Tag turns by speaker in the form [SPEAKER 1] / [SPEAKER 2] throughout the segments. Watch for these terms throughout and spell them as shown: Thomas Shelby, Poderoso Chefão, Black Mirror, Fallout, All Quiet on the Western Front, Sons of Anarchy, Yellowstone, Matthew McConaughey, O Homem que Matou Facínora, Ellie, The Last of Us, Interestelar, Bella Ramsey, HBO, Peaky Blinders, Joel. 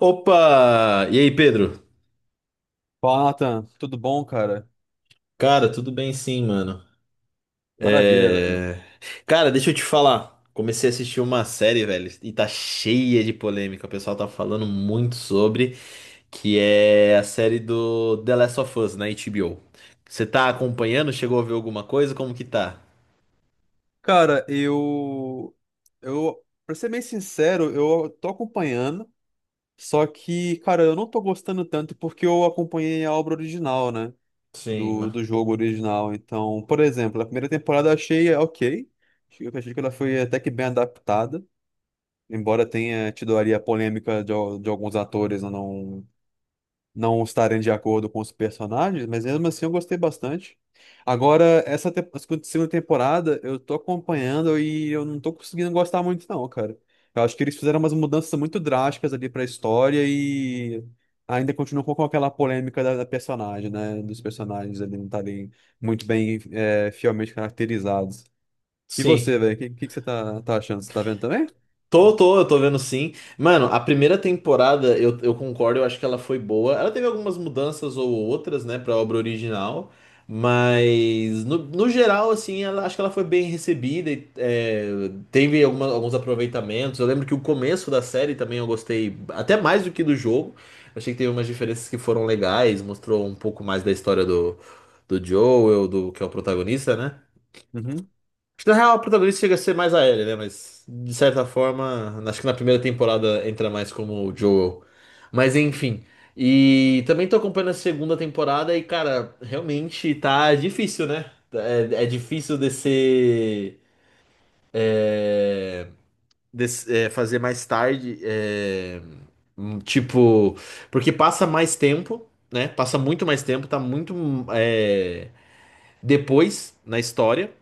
[SPEAKER 1] Opa! E aí, Pedro?
[SPEAKER 2] Fala, Nathan. Tudo bom, cara?
[SPEAKER 1] Cara, tudo bem sim, mano.
[SPEAKER 2] Maravilha, velho.
[SPEAKER 1] É... Cara, deixa eu te falar. Comecei a assistir uma série, velho, e tá cheia de polêmica. O pessoal tá falando muito sobre, que é a série do The Last of Us na HBO. Você tá acompanhando? Chegou a ver alguma coisa? Como que tá?
[SPEAKER 2] Cara, eu. Eu. pra ser bem sincero, eu tô acompanhando, só que, cara, eu não tô gostando tanto porque eu acompanhei a obra original, né?
[SPEAKER 1] Sim,
[SPEAKER 2] Do
[SPEAKER 1] ma-
[SPEAKER 2] jogo original. Então, por exemplo, a primeira temporada eu achei ok. Eu achei que ela foi até que bem adaptada, embora tenha tido ali a polêmica de, de alguns atores não estarem de acordo com os personagens, mas mesmo assim eu gostei bastante. Agora, a segunda temporada eu tô acompanhando e eu não tô conseguindo gostar muito, não, cara. Eu acho que eles fizeram umas mudanças muito drásticas ali pra história e ainda continuam com aquela polêmica da personagem, né? Dos personagens ali não estarem muito bem, fielmente caracterizados. E
[SPEAKER 1] sim.
[SPEAKER 2] você, velho, o que você tá achando? Você tá vendo também?
[SPEAKER 1] Eu tô vendo sim. Mano, a primeira temporada, eu concordo, eu acho que ela foi boa. Ela teve algumas mudanças ou outras, né, pra obra original. Mas, no geral, assim, ela, acho que ela foi bem recebida teve alguns aproveitamentos. Eu lembro que o começo da série também eu gostei, até mais do que do jogo. Eu achei que teve umas diferenças que foram legais, mostrou um pouco mais da história do, do Joel, do, que é o protagonista, né?
[SPEAKER 2] Uhum.
[SPEAKER 1] Acho que na real, o protagonista chega a ser mais a Ellie, né? Mas, de certa forma, acho que na primeira temporada entra mais como o Joel. Mas, enfim. E também tô acompanhando a segunda temporada e, cara, realmente tá difícil, né? É, é difícil descer, fazer mais tarde. Tipo, porque passa mais tempo, né? Passa muito mais tempo, tá muito, depois na história.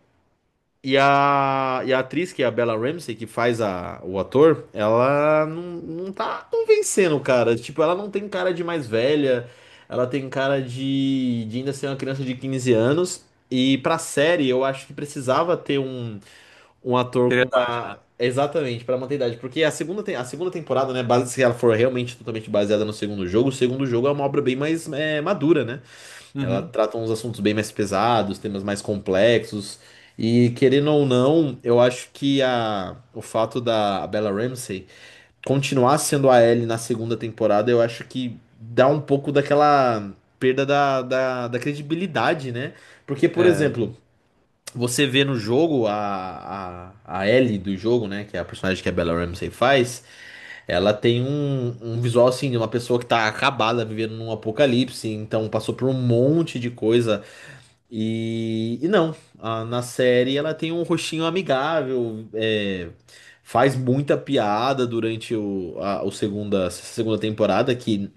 [SPEAKER 1] E e a atriz, que é a Bella Ramsey, que faz a, o ator, ela não, não tá convencendo, cara. Tipo, ela não tem cara de mais velha, ela tem cara de ainda ser uma criança de 15 anos. E pra série, eu acho que precisava ter um, um ator com
[SPEAKER 2] Seriedade,
[SPEAKER 1] uma.
[SPEAKER 2] né?
[SPEAKER 1] Exatamente, pra manter a idade. Porque a segunda temporada, né, base, se ela for realmente totalmente baseada no segundo jogo, o segundo jogo é uma obra bem mais madura, né? Ela
[SPEAKER 2] Uhum.
[SPEAKER 1] trata uns assuntos bem mais pesados, temas mais complexos. E querendo ou não, eu acho que a, o fato da Bella Ramsey continuar sendo a Ellie na segunda temporada, eu acho que dá um pouco daquela perda da credibilidade, né? Porque, por
[SPEAKER 2] É.
[SPEAKER 1] exemplo, você vê no jogo a Ellie do jogo, né? Que é a personagem que a Bella Ramsey faz, ela tem um, um visual assim de uma pessoa que tá acabada, vivendo num apocalipse, então passou por um monte de coisa e não, na série ela tem um rostinho amigável, é, faz muita piada durante o segunda temporada, que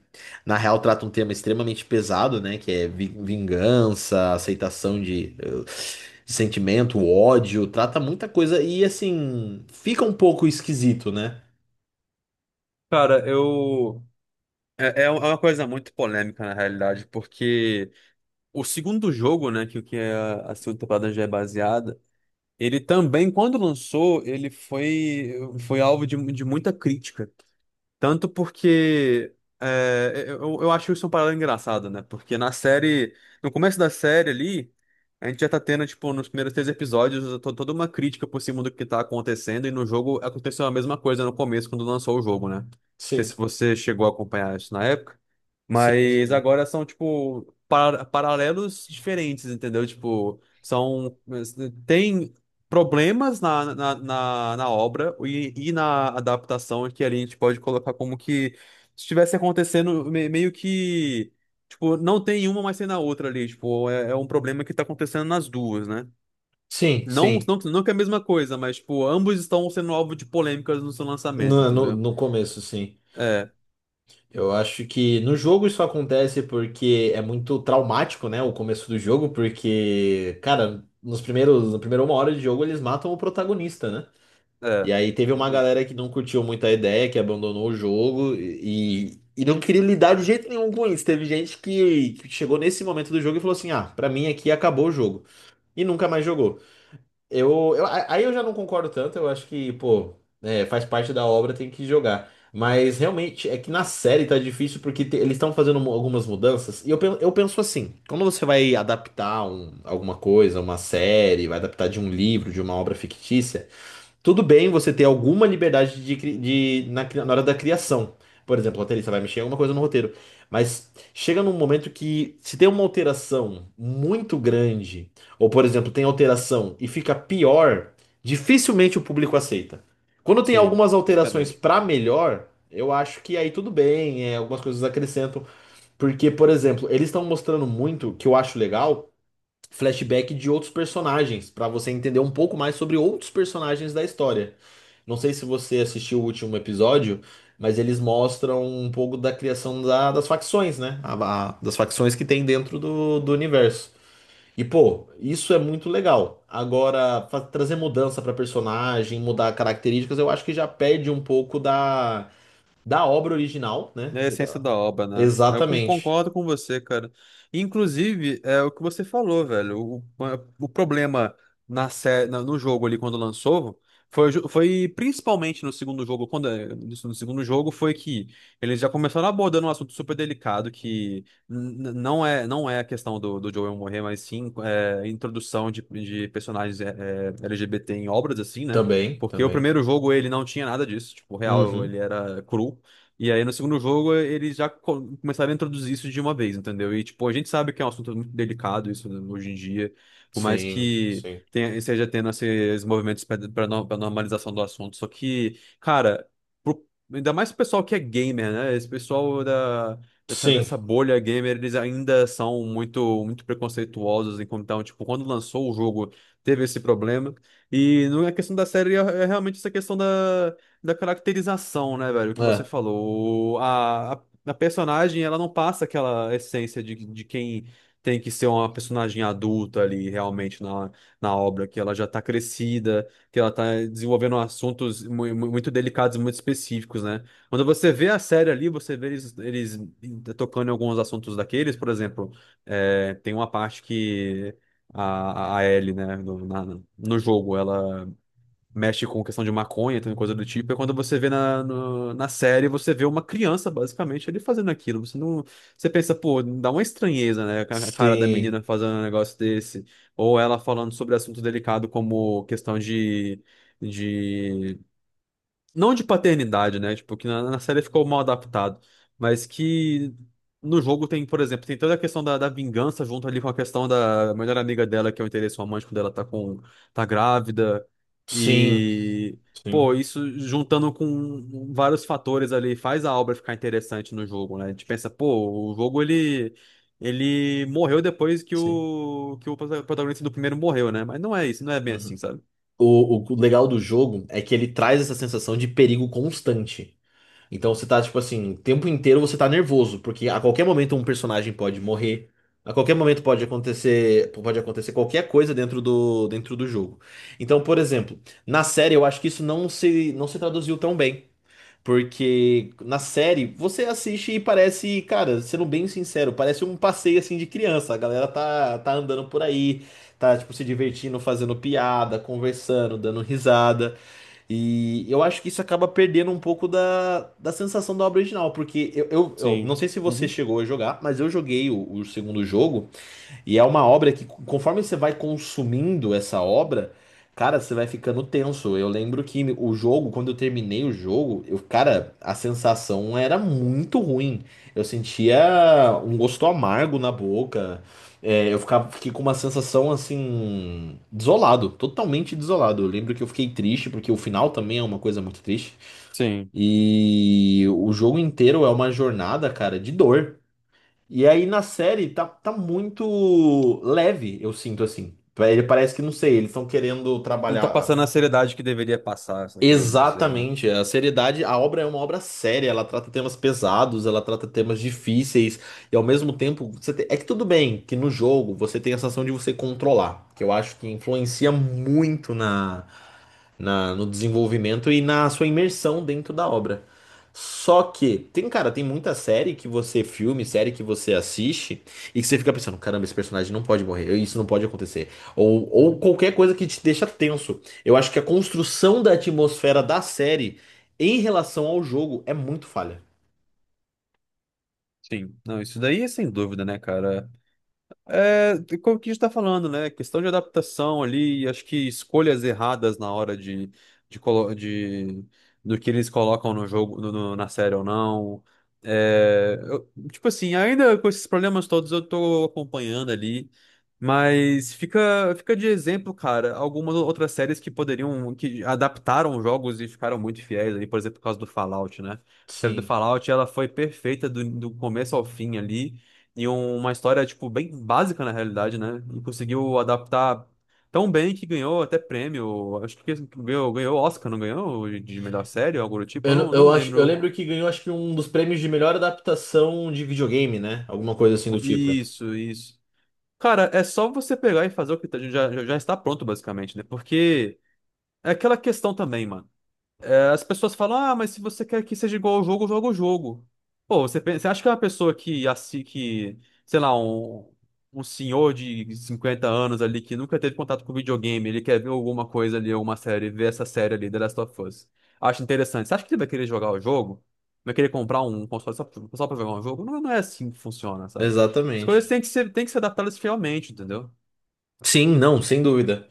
[SPEAKER 1] na real trata um tema extremamente pesado, né? Que é vingança, aceitação de sentimento, ódio, trata muita coisa e assim, fica um pouco esquisito, né?
[SPEAKER 2] Cara, eu. é uma coisa muito polêmica, na realidade, porque o segundo jogo, né, que é a segunda temporada já é baseada, ele também, quando lançou, ele foi alvo de muita crítica. Tanto porque eu acho isso um paralelo engraçado, né? Porque na série, no começo da série ali, a gente já tá tendo, tipo, nos primeiros três episódios, toda uma crítica por cima do que tá acontecendo, e no jogo aconteceu a mesma coisa no começo, quando lançou o jogo, né? Não sei
[SPEAKER 1] Sim,
[SPEAKER 2] se você chegou a acompanhar isso na época.
[SPEAKER 1] sim,
[SPEAKER 2] Mas
[SPEAKER 1] sim.
[SPEAKER 2] agora são, tipo, paralelos diferentes, entendeu? Tipo, são. Tem problemas na obra e na adaptação que ali a gente pode colocar como que estivesse acontecendo meio que. Tipo, não tem uma, mas tem na outra ali. Tipo, é, é um problema que tá acontecendo nas duas, né?
[SPEAKER 1] Sim,
[SPEAKER 2] Não,
[SPEAKER 1] sim.
[SPEAKER 2] não, não que é a mesma coisa, mas, tipo, ambos estão sendo alvo de polêmicas no seu lançamento, entendeu?
[SPEAKER 1] No começo, sim.
[SPEAKER 2] É,
[SPEAKER 1] Eu acho que no jogo isso acontece porque é muito traumático, né? O começo do jogo, porque, cara, na primeira uma hora de jogo eles matam o protagonista, né? E
[SPEAKER 2] é,
[SPEAKER 1] aí teve uma
[SPEAKER 2] realmente.
[SPEAKER 1] galera que não curtiu muito a ideia, que abandonou o jogo e não queria lidar de jeito nenhum com isso. Teve gente que chegou nesse momento do jogo e falou assim: ah, pra mim aqui acabou o jogo. E nunca mais jogou. Aí eu já não concordo tanto, eu acho que, pô, é, faz parte da obra, tem que jogar. Mas realmente é que na série tá difícil porque eles estão fazendo algumas mudanças. E eu penso assim: quando você vai adaptar alguma coisa, uma série, vai adaptar de um livro, de uma obra fictícia. Tudo bem você ter alguma liberdade de, cri- de- na, cri- na hora da criação. Por exemplo, o roteirista vai mexer em alguma coisa no roteiro. Mas chega num momento que, se tem uma alteração muito grande, ou por exemplo, tem alteração e fica pior, dificilmente o público aceita. Quando tem
[SPEAKER 2] Sim,
[SPEAKER 1] algumas
[SPEAKER 2] isso é
[SPEAKER 1] alterações
[SPEAKER 2] verdade.
[SPEAKER 1] pra melhor, eu acho que aí tudo bem, é, algumas coisas acrescentam. Porque, por exemplo, eles estão mostrando muito, que eu acho legal flashback de outros personagens, pra você entender um pouco mais sobre outros personagens da história. Não sei se você assistiu o último episódio, mas eles mostram um pouco da criação das facções, né? Das facções que tem dentro do, do universo. E, pô, isso é muito legal. Agora, trazer mudança pra personagem, mudar características, eu acho que já perde um pouco da obra original, né?
[SPEAKER 2] É a essência
[SPEAKER 1] Daquela...
[SPEAKER 2] da obra, né? Eu
[SPEAKER 1] Exatamente.
[SPEAKER 2] concordo com você, cara. Inclusive, é o que você falou, velho. O problema no jogo ali quando lançou foi principalmente no segundo jogo, quando no segundo jogo foi que eles já começaram abordando um assunto super delicado que não é a questão do Joel morrer, mas sim introdução de personagens LGBT em obras assim, né?
[SPEAKER 1] Também,
[SPEAKER 2] Porque o
[SPEAKER 1] também.
[SPEAKER 2] primeiro jogo ele não tinha nada disso, tipo, real,
[SPEAKER 1] Uhum.
[SPEAKER 2] ele era cru. E aí, no segundo jogo, eles já começaram a introduzir isso de uma vez, entendeu? E, tipo, a gente sabe que é um assunto muito delicado isso, né, hoje em dia, por mais
[SPEAKER 1] Sim,
[SPEAKER 2] que
[SPEAKER 1] sim.
[SPEAKER 2] tenha, seja tendo assim, esses movimentos para normalização do assunto. Só que, cara, pro- ainda mais o pessoal que é gamer, né? Esse pessoal dessa,
[SPEAKER 1] Sim.
[SPEAKER 2] dessa bolha gamer, eles ainda são muito, muito preconceituosos. Então, tipo, quando lançou o jogo, teve esse problema. E não é questão da série, é realmente essa questão da caracterização, né, velho? Que você
[SPEAKER 1] É,
[SPEAKER 2] falou. A personagem, ela não passa aquela essência de quem tem que ser uma personagem adulta ali, realmente, na obra, que ela já tá crescida, que ela tá desenvolvendo assuntos muito delicados, muito específicos, né? Quando você vê a série ali, você vê eles tocando em alguns assuntos daqueles, por exemplo, é, tem uma parte que. A Ellie, né, no jogo, mexe com questão de maconha, tem coisa do tipo, é quando você vê na, no- na série, você vê uma criança, basicamente, ele fazendo aquilo. Você não, você pensa, pô, dá uma estranheza, né? A cara da
[SPEAKER 1] sim,
[SPEAKER 2] menina fazendo um negócio desse, ou ela falando sobre assunto delicado como questão de, não de paternidade, né? Tipo, que na série ficou mal adaptado, mas que no jogo tem, por exemplo, tem toda a questão da vingança junto ali com a questão da melhor amiga dela, que é o interesse romântico dela, tá grávida.
[SPEAKER 1] sim,
[SPEAKER 2] E,
[SPEAKER 1] sim,
[SPEAKER 2] pô, isso juntando com vários fatores ali faz a obra ficar interessante no jogo, né? A gente pensa, pô, o jogo ele morreu depois que
[SPEAKER 1] sim.
[SPEAKER 2] o, que o protagonista do primeiro morreu, né? Mas não é isso, não é bem assim,
[SPEAKER 1] Uhum.
[SPEAKER 2] sabe?
[SPEAKER 1] O o legal do jogo é que ele traz essa sensação de perigo constante. Então você tá, tipo assim, o tempo inteiro você tá nervoso, porque a qualquer momento um personagem pode morrer, a qualquer momento pode acontecer qualquer coisa dentro do jogo. Então, por exemplo, na série eu acho que isso não se traduziu tão bem. Porque na série você assiste e parece, cara, sendo bem sincero, parece um passeio assim de criança. A galera tá andando por aí, tá tipo se divertindo, fazendo piada, conversando, dando risada. E eu acho que isso acaba perdendo um pouco da sensação da obra original. Porque eu não
[SPEAKER 2] Sim.
[SPEAKER 1] sei se você
[SPEAKER 2] Uhum.
[SPEAKER 1] chegou a jogar, mas eu joguei o segundo jogo. E é uma obra que, conforme você vai consumindo essa obra, cara, você vai ficando tenso. Eu lembro que o jogo, quando eu terminei o jogo, eu, cara, a sensação era muito ruim. Eu sentia um gosto amargo na boca. É, fiquei com uma sensação assim, desolado, totalmente desolado. Eu lembro que eu fiquei triste, porque o final também é uma coisa muito triste.
[SPEAKER 2] Sim.
[SPEAKER 1] E o jogo inteiro é uma jornada, cara, de dor. E aí na série tá muito leve, eu sinto assim. Ele parece que, não sei, eles estão querendo
[SPEAKER 2] Não tá
[SPEAKER 1] trabalhar.
[SPEAKER 2] passando a seriedade que deveria passar, você tá querendo dizer, né?
[SPEAKER 1] Exatamente, a seriedade, a obra é uma obra séria, ela trata temas pesados, ela trata temas difíceis, e ao mesmo tempo, é que tudo bem que no jogo você tem a sensação de você controlar, que eu acho que influencia muito no desenvolvimento e na sua imersão dentro da obra. Só que, tem, cara, tem muita série que você filme, série que você assiste, e que você fica pensando, caramba, esse personagem não pode morrer, isso não pode acontecer. Ou
[SPEAKER 2] Uhum.
[SPEAKER 1] qualquer coisa que te deixa tenso. Eu acho que a construção da atmosfera da série em relação ao jogo é muito falha.
[SPEAKER 2] Sim. Não, isso daí é sem dúvida, né, cara? É, como que a gente tá falando, né? Questão de adaptação ali, acho que escolhas erradas na hora de, colo- de- do que eles colocam no jogo, na série ou não. É, tipo assim, ainda com esses problemas todos eu tô acompanhando ali, mas fica de exemplo, cara, algumas outras séries que poderiam, que adaptaram jogos e ficaram muito fiéis ali, por exemplo, por causa do Fallout, né? A série do
[SPEAKER 1] Sim.
[SPEAKER 2] Fallout, ela foi perfeita do começo ao fim ali. E uma história, tipo, bem básica na realidade, né? E conseguiu adaptar tão bem que ganhou até prêmio. Acho que ganhou Oscar, não ganhou? De melhor série ou algo do tipo?
[SPEAKER 1] Eu,
[SPEAKER 2] Eu
[SPEAKER 1] não-
[SPEAKER 2] não
[SPEAKER 1] eu acho, eu
[SPEAKER 2] lembro.
[SPEAKER 1] lembro que ganhou acho que um dos prêmios de melhor adaptação de videogame, né? Alguma coisa assim do tipo.
[SPEAKER 2] Isso, isso. Cara, é só você pegar e fazer o que já está pronto, basicamente, né? Porque é aquela questão também, mano. As pessoas falam, ah, mas se você quer que seja igual ao jogo, joga o jogo. Pô, você, você acha que é uma pessoa que, assim, que, sei lá, um senhor de 50 anos ali que nunca teve contato com videogame, ele quer ver alguma coisa ali, alguma série, ver essa série ali, The Last of Us. Acha interessante. Você acha que ele vai querer jogar o jogo? Vai querer comprar um console só, só pra jogar um jogo? Não, não é assim que funciona, sabe? As coisas
[SPEAKER 1] Exatamente.
[SPEAKER 2] têm que ser adaptadas fielmente, entendeu?
[SPEAKER 1] Sim, não, sem dúvida.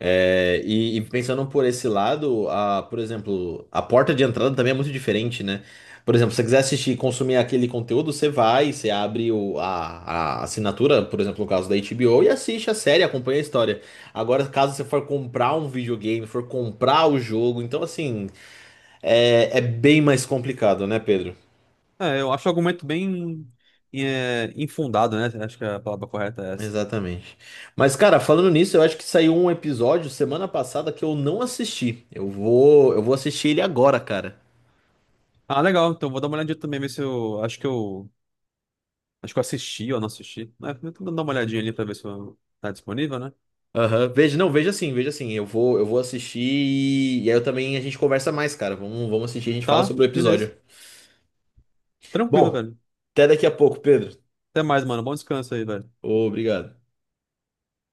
[SPEAKER 1] É, e pensando por esse lado, a, por exemplo, a porta de entrada também é muito diferente, né? Por exemplo, se você quiser assistir e consumir aquele conteúdo, você vai, você abre a assinatura, por exemplo, no caso da HBO, e assiste a série, acompanha a história. Agora, caso você for comprar um videogame, for comprar o jogo, então assim, é, é bem mais complicado, né, Pedro?
[SPEAKER 2] É, eu acho o argumento bem infundado, né? Acho que a palavra correta é essa.
[SPEAKER 1] Exatamente. Mas, cara, falando nisso, eu acho que saiu um episódio semana passada que eu não assisti. Eu vou assistir ele agora, cara.
[SPEAKER 2] Ah, legal. Então vou dar uma olhadinha também, ver se eu. Acho que eu. Acho que eu assisti ou não assisti. É, eu tô dando uma olhadinha ali pra ver se eu... tá disponível, né?
[SPEAKER 1] Aham, veja, não, veja assim, eu vou assistir e aí eu também a gente conversa mais, cara. Vamos assistir, a gente fala
[SPEAKER 2] Tá,
[SPEAKER 1] sobre o
[SPEAKER 2] beleza.
[SPEAKER 1] episódio.
[SPEAKER 2] Tranquilo,
[SPEAKER 1] Bom,
[SPEAKER 2] velho.
[SPEAKER 1] até daqui a pouco, Pedro.
[SPEAKER 2] Até mais, mano. Bom descanso aí, velho.
[SPEAKER 1] Obrigado.